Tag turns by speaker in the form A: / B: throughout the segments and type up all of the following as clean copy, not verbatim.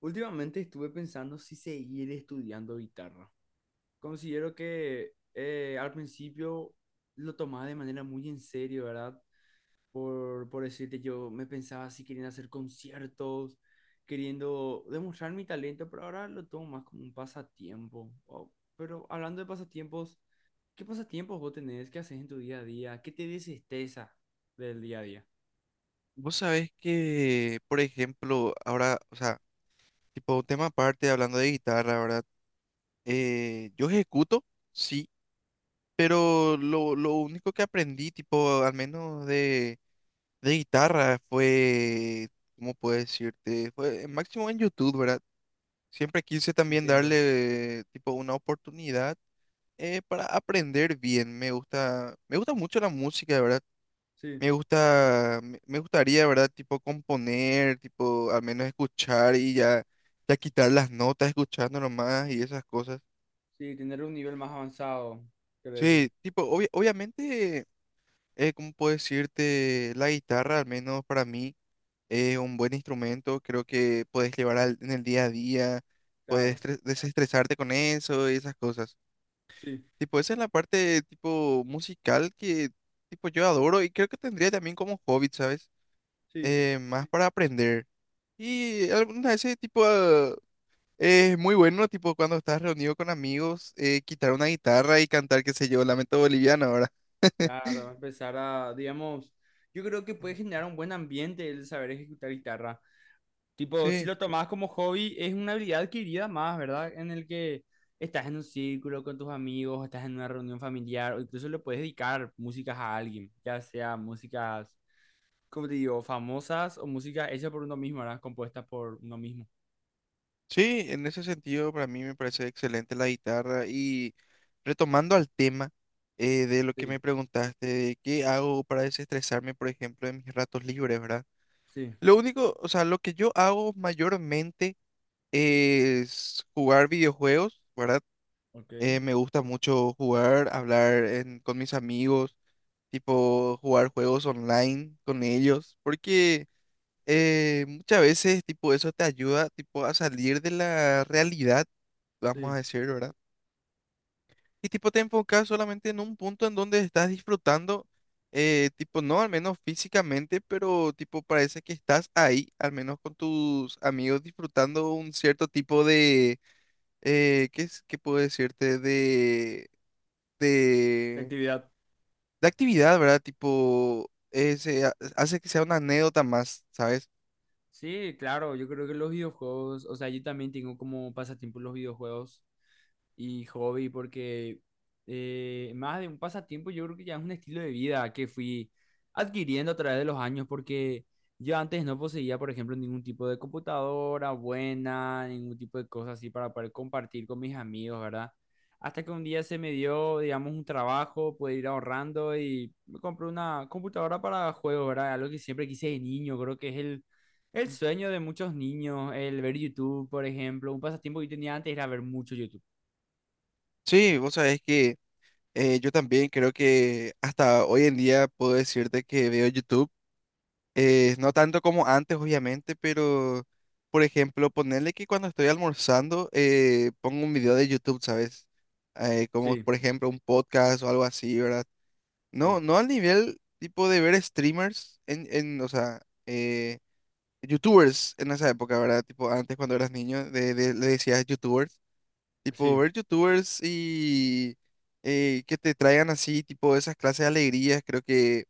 A: Últimamente estuve pensando si seguir estudiando guitarra. Considero que al principio lo tomaba de manera muy en serio, ¿verdad? Por decirte, yo me pensaba si queriendo hacer conciertos, queriendo demostrar mi talento, pero ahora lo tomo más como un pasatiempo. Oh, pero hablando de pasatiempos, ¿qué pasatiempos vos tenés? ¿Qué haces en tu día a día? ¿Qué te desestresa del día a día?
B: Vos sabés que, por ejemplo, ahora, o sea, tipo un tema aparte, hablando de guitarra, ¿verdad? Yo ejecuto, sí, pero lo único que aprendí, tipo, al menos de guitarra, fue, ¿cómo puedo decirte? Fue máximo en YouTube, ¿verdad? Siempre quise también
A: Entiendo.
B: darle, tipo, una oportunidad para aprender bien. Me gusta mucho la música, ¿verdad?
A: Sí,
B: Me gusta, me gustaría, ¿verdad? Tipo componer, tipo al menos escuchar y ya, ya quitar las notas escuchando nomás y esas cosas.
A: sí, tener un nivel más avanzado, quiero decir.
B: Sí, tipo, obviamente, ¿cómo puedo decirte? La guitarra, al menos para mí, es un buen instrumento. Creo que puedes llevar en el día a día, puedes
A: Claro,
B: desestresarte con eso y esas cosas.
A: sí.
B: Tipo, esa es la parte, tipo, musical que, tipo, yo adoro y creo que tendría también como hobby, ¿sabes?
A: Sí.
B: Más para aprender. Y alguna ese tipo es muy bueno, tipo cuando estás reunido con amigos, quitar una guitarra y cantar, qué sé yo, Lamento Boliviano ahora.
A: Claro, empezar a, digamos, yo creo que puede generar un buen ambiente el saber ejecutar guitarra. Tipo, si
B: Sí,
A: lo tomás como hobby, es una habilidad adquirida más, ¿verdad? En el que estás en un círculo con tus amigos, estás en una reunión familiar, o incluso le puedes dedicar músicas a alguien, ya sea músicas, como te digo, famosas o músicas hechas por uno mismo, ¿verdad? Compuestas por uno mismo.
B: sí, en ese sentido para mí me parece excelente la guitarra y retomando al tema de lo que me
A: Sí,
B: preguntaste, de qué hago para desestresarme, por ejemplo, en mis ratos libres, ¿verdad?
A: sí,
B: Lo único, o sea, lo que yo hago mayormente es jugar videojuegos, ¿verdad?
A: ok,
B: Me gusta mucho jugar, hablar con mis amigos, tipo jugar juegos online con ellos, porque muchas veces tipo eso te ayuda tipo a salir de la realidad, vamos a
A: sí.
B: decir, ¿verdad? Y tipo te enfocas solamente en un punto en donde estás disfrutando, tipo no al menos físicamente, pero tipo parece que estás ahí, al menos con tus amigos disfrutando un cierto tipo de ¿qué es, qué puedo decirte? de,
A: La actividad.
B: de actividad, ¿verdad? Tipo, se hace que sea una anécdota más, ¿sabes?
A: Sí, claro, yo creo que los videojuegos, o sea, yo también tengo como pasatiempo los videojuegos y hobby porque más de un pasatiempo yo creo que ya es un estilo de vida que fui adquiriendo a través de los años porque yo antes no poseía, por ejemplo, ningún tipo de computadora buena, ningún tipo de cosas así para poder compartir con mis amigos, ¿verdad? Hasta que un día se me dio, digamos, un trabajo, poder ir ahorrando y me compré una computadora para juegos, ¿verdad? Algo que siempre quise de niño, creo que es el sueño de muchos niños, el ver YouTube, por ejemplo, un pasatiempo que yo tenía antes era ver mucho YouTube.
B: Sí, vos sabés que yo también creo que hasta hoy en día puedo decirte que veo YouTube, no tanto como antes, obviamente, pero, por ejemplo, ponerle que cuando estoy almorzando pongo un video de YouTube, ¿sabes? Como,
A: Sí,
B: por ejemplo, un podcast o algo así, ¿verdad? No,
A: sí,
B: no al nivel tipo de ver streamers en o sea... eh, youtubers en esa época, ¿verdad? Tipo, antes cuando eras niño, le decías youtubers. Tipo,
A: sí,
B: ver youtubers y que te traigan así, tipo, esas clases de alegrías, creo que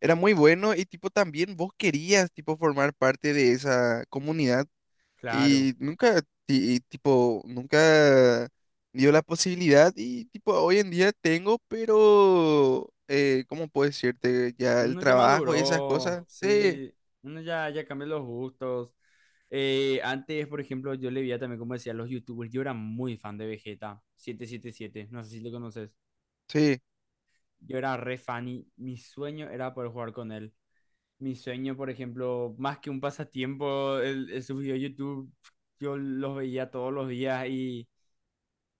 B: era muy bueno y tipo, también vos querías, tipo, formar parte de esa comunidad
A: claro.
B: y nunca, y, tipo, nunca dio la posibilidad y tipo, hoy en día tengo, pero, ¿cómo puedo decirte? Ya el
A: Uno ya
B: trabajo y esas
A: maduró,
B: cosas, sí,
A: sí, uno ya, ya cambió los gustos. Antes, por ejemplo, yo le veía también, como decía, los YouTubers. Yo era muy fan de Vegeta 777, no sé si lo conoces.
B: sí.
A: Yo era re fan y mi sueño era poder jugar con él. Mi sueño, por ejemplo, más que un pasatiempo, el sus videos de YouTube, yo los veía todos los días y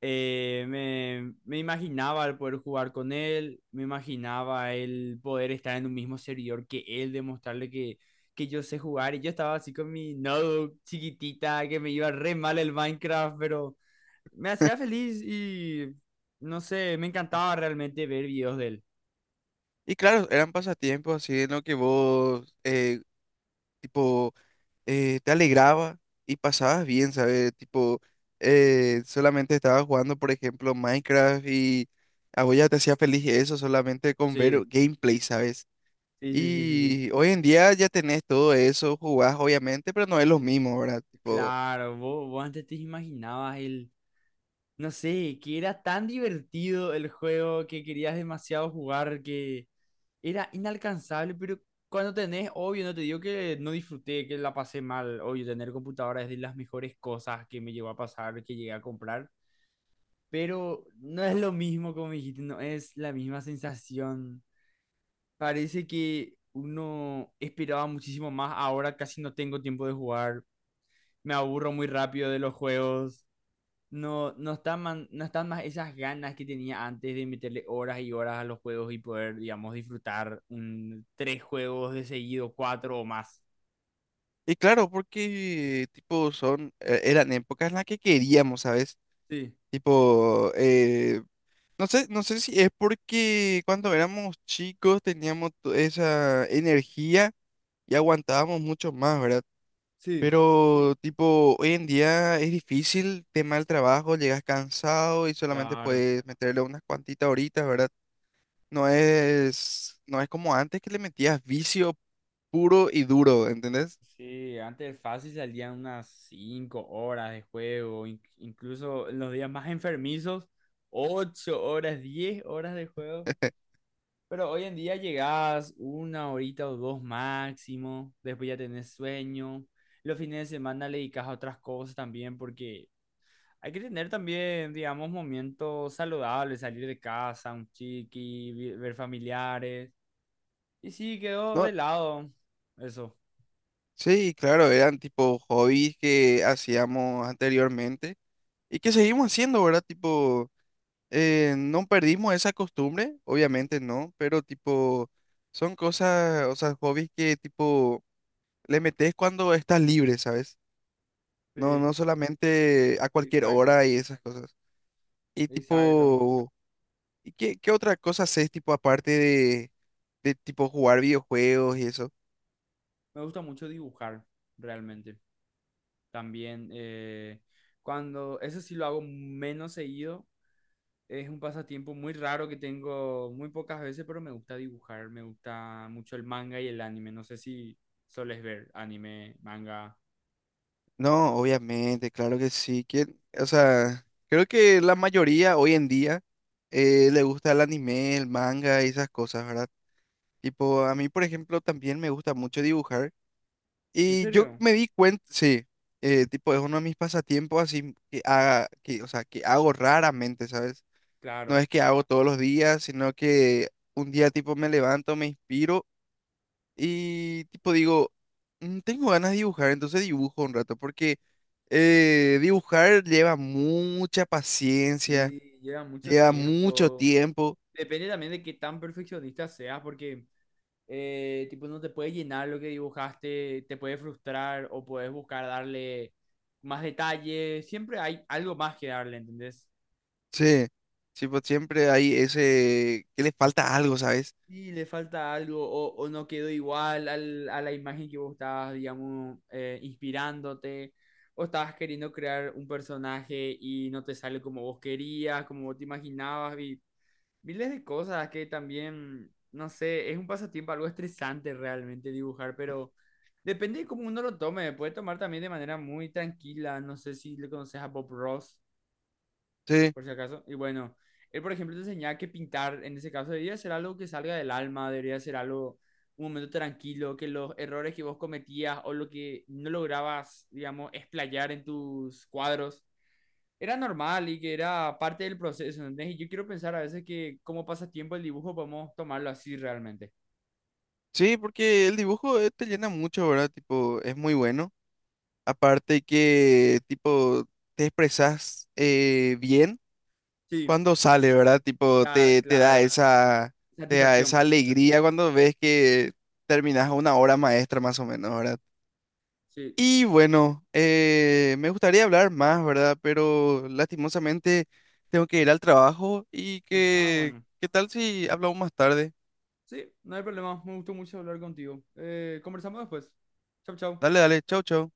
A: me imaginaba el poder jugar con él, me imaginaba el poder estar en un mismo servidor que él, demostrarle que yo sé jugar. Y yo estaba así con mi notebook chiquitita, que me iba re mal el Minecraft, pero me hacía feliz y no sé, me encantaba realmente ver videos de él.
B: Y claro, eran pasatiempos así en lo que vos, tipo, te alegraba y pasabas bien, ¿sabes? Tipo, solamente estabas jugando, por ejemplo, Minecraft y a vos ya te hacía feliz eso solamente con ver
A: Sí,
B: gameplay, ¿sabes?
A: sí, sí, sí, sí.
B: Y hoy en día ya tenés todo eso, jugás obviamente, pero no es lo
A: Sí.
B: mismo, ¿verdad?
A: Sí,
B: Tipo,
A: claro, vos, vos antes te imaginabas el, no sé, que era tan divertido el juego que querías demasiado jugar que era inalcanzable, pero cuando tenés, obvio, no te digo que no disfruté, que la pasé mal, obvio, tener computadora es de las mejores cosas que me llegó a pasar, que llegué a comprar, pero no es lo mismo como me dijiste, no es la misma sensación. Parece que uno esperaba muchísimo más, ahora casi no tengo tiempo de jugar, me aburro muy rápido de los juegos. No, no están más esas ganas que tenía antes de meterle horas y horas a los juegos y poder, digamos, disfrutar un, tres juegos de seguido, cuatro o más.
B: y claro, porque, tipo, son, eran épocas en las que queríamos, ¿sabes?
A: Sí,
B: Tipo, no sé, no sé si es porque cuando éramos chicos teníamos esa energía y aguantábamos mucho más, ¿verdad?
A: sí.
B: Pero tipo, hoy en día es difícil, tema del trabajo, llegas cansado y solamente
A: Claro.
B: puedes meterle unas cuantitas horitas, ¿verdad? No es, no es como antes que le metías vicio puro y duro, ¿entendés?
A: Sí, antes fácil salían unas 5 horas de juego, incluso en los días más enfermizos, 8 horas, 10 horas de juego. Pero hoy en día llegás una horita o dos máximo, después ya tenés sueño. Los fines de semana le dedicas a otras cosas también porque hay que tener también, digamos, momentos saludables, salir de casa, un ver familiares. Y sí, quedó
B: No,
A: de lado eso.
B: sí, claro, eran tipo hobbies que hacíamos anteriormente y que seguimos haciendo, ¿verdad? Tipo. No perdimos esa costumbre, obviamente no, pero tipo, son cosas, o sea, hobbies que tipo le metes cuando estás libre, ¿sabes? No,
A: Sí,
B: no solamente a cualquier
A: exacto,
B: hora y esas cosas. Y
A: exacto.
B: tipo, ¿y qué, qué otra cosa haces tipo aparte de tipo jugar videojuegos y eso?
A: Me gusta mucho dibujar, realmente. También, eso sí lo hago menos seguido. Es un pasatiempo muy raro que tengo muy pocas veces, pero me gusta dibujar, me gusta mucho el manga y el anime. No sé si soles ver anime, manga.
B: No, obviamente, claro que sí. ¿Quién? O sea, creo que la mayoría hoy en día le gusta el anime, el manga y esas cosas, ¿verdad? Tipo, a mí, por ejemplo, también me gusta mucho dibujar.
A: ¿En
B: Y yo
A: serio?
B: me di cuenta, sí, tipo, es uno de mis pasatiempos así que haga, que, o sea, que hago raramente, ¿sabes? No
A: Claro.
B: es que hago todos los días, sino que un día, tipo, me levanto, me inspiro y, tipo, digo, "Mm, tengo ganas de dibujar, entonces dibujo un rato, porque dibujar lleva mucha paciencia,
A: Sí, lleva mucho
B: lleva mucho
A: tiempo.
B: tiempo,
A: Depende también de qué tan perfeccionista seas, porque tipo no te puede llenar lo que dibujaste, te puede frustrar o puedes buscar darle más detalle. Siempre hay algo más que darle, ¿entendés?
B: sí. Sí, pues siempre hay ese que le falta algo, ¿sabes?
A: Sí, le falta algo o no quedó igual a la imagen que vos estabas, digamos, inspirándote o estabas queriendo crear un personaje y no te sale como vos querías, como vos te imaginabas y miles de cosas que también, no sé, es un pasatiempo algo estresante realmente dibujar, pero depende de cómo uno lo tome, puede tomar también de manera muy tranquila, no sé si le conoces a Bob Ross
B: Sí.
A: por si acaso. Y bueno, él, por ejemplo, te enseñaba que pintar, en ese caso, debería ser algo que salga del alma, debería ser algo, un momento tranquilo, que los errores que vos cometías o lo que no lograbas, digamos, explayar en tus cuadros, era normal y que era parte del proceso, ¿entendés? Y yo quiero pensar a veces que como pasatiempo el dibujo podemos tomarlo así realmente.
B: Sí, porque el dibujo te llena mucho, ¿verdad? Tipo, es muy bueno. Aparte que, tipo, te expresas bien
A: Sí,
B: cuando sale, ¿verdad? Tipo,
A: la-
B: te,
A: claro.
B: te da
A: Satisfacción.
B: esa alegría cuando ves que terminas una obra maestra, más o menos, ¿verdad?
A: Sí.
B: Y bueno, me gustaría hablar más, ¿verdad? Pero lastimosamente tengo que ir al trabajo y
A: Es- ah,
B: que,
A: bueno.
B: ¿qué tal si hablamos más tarde?
A: Sí, no hay problema. Me gustó mucho hablar contigo. Conversamos después. Chau, chau.
B: Dale, dale, chau, chau.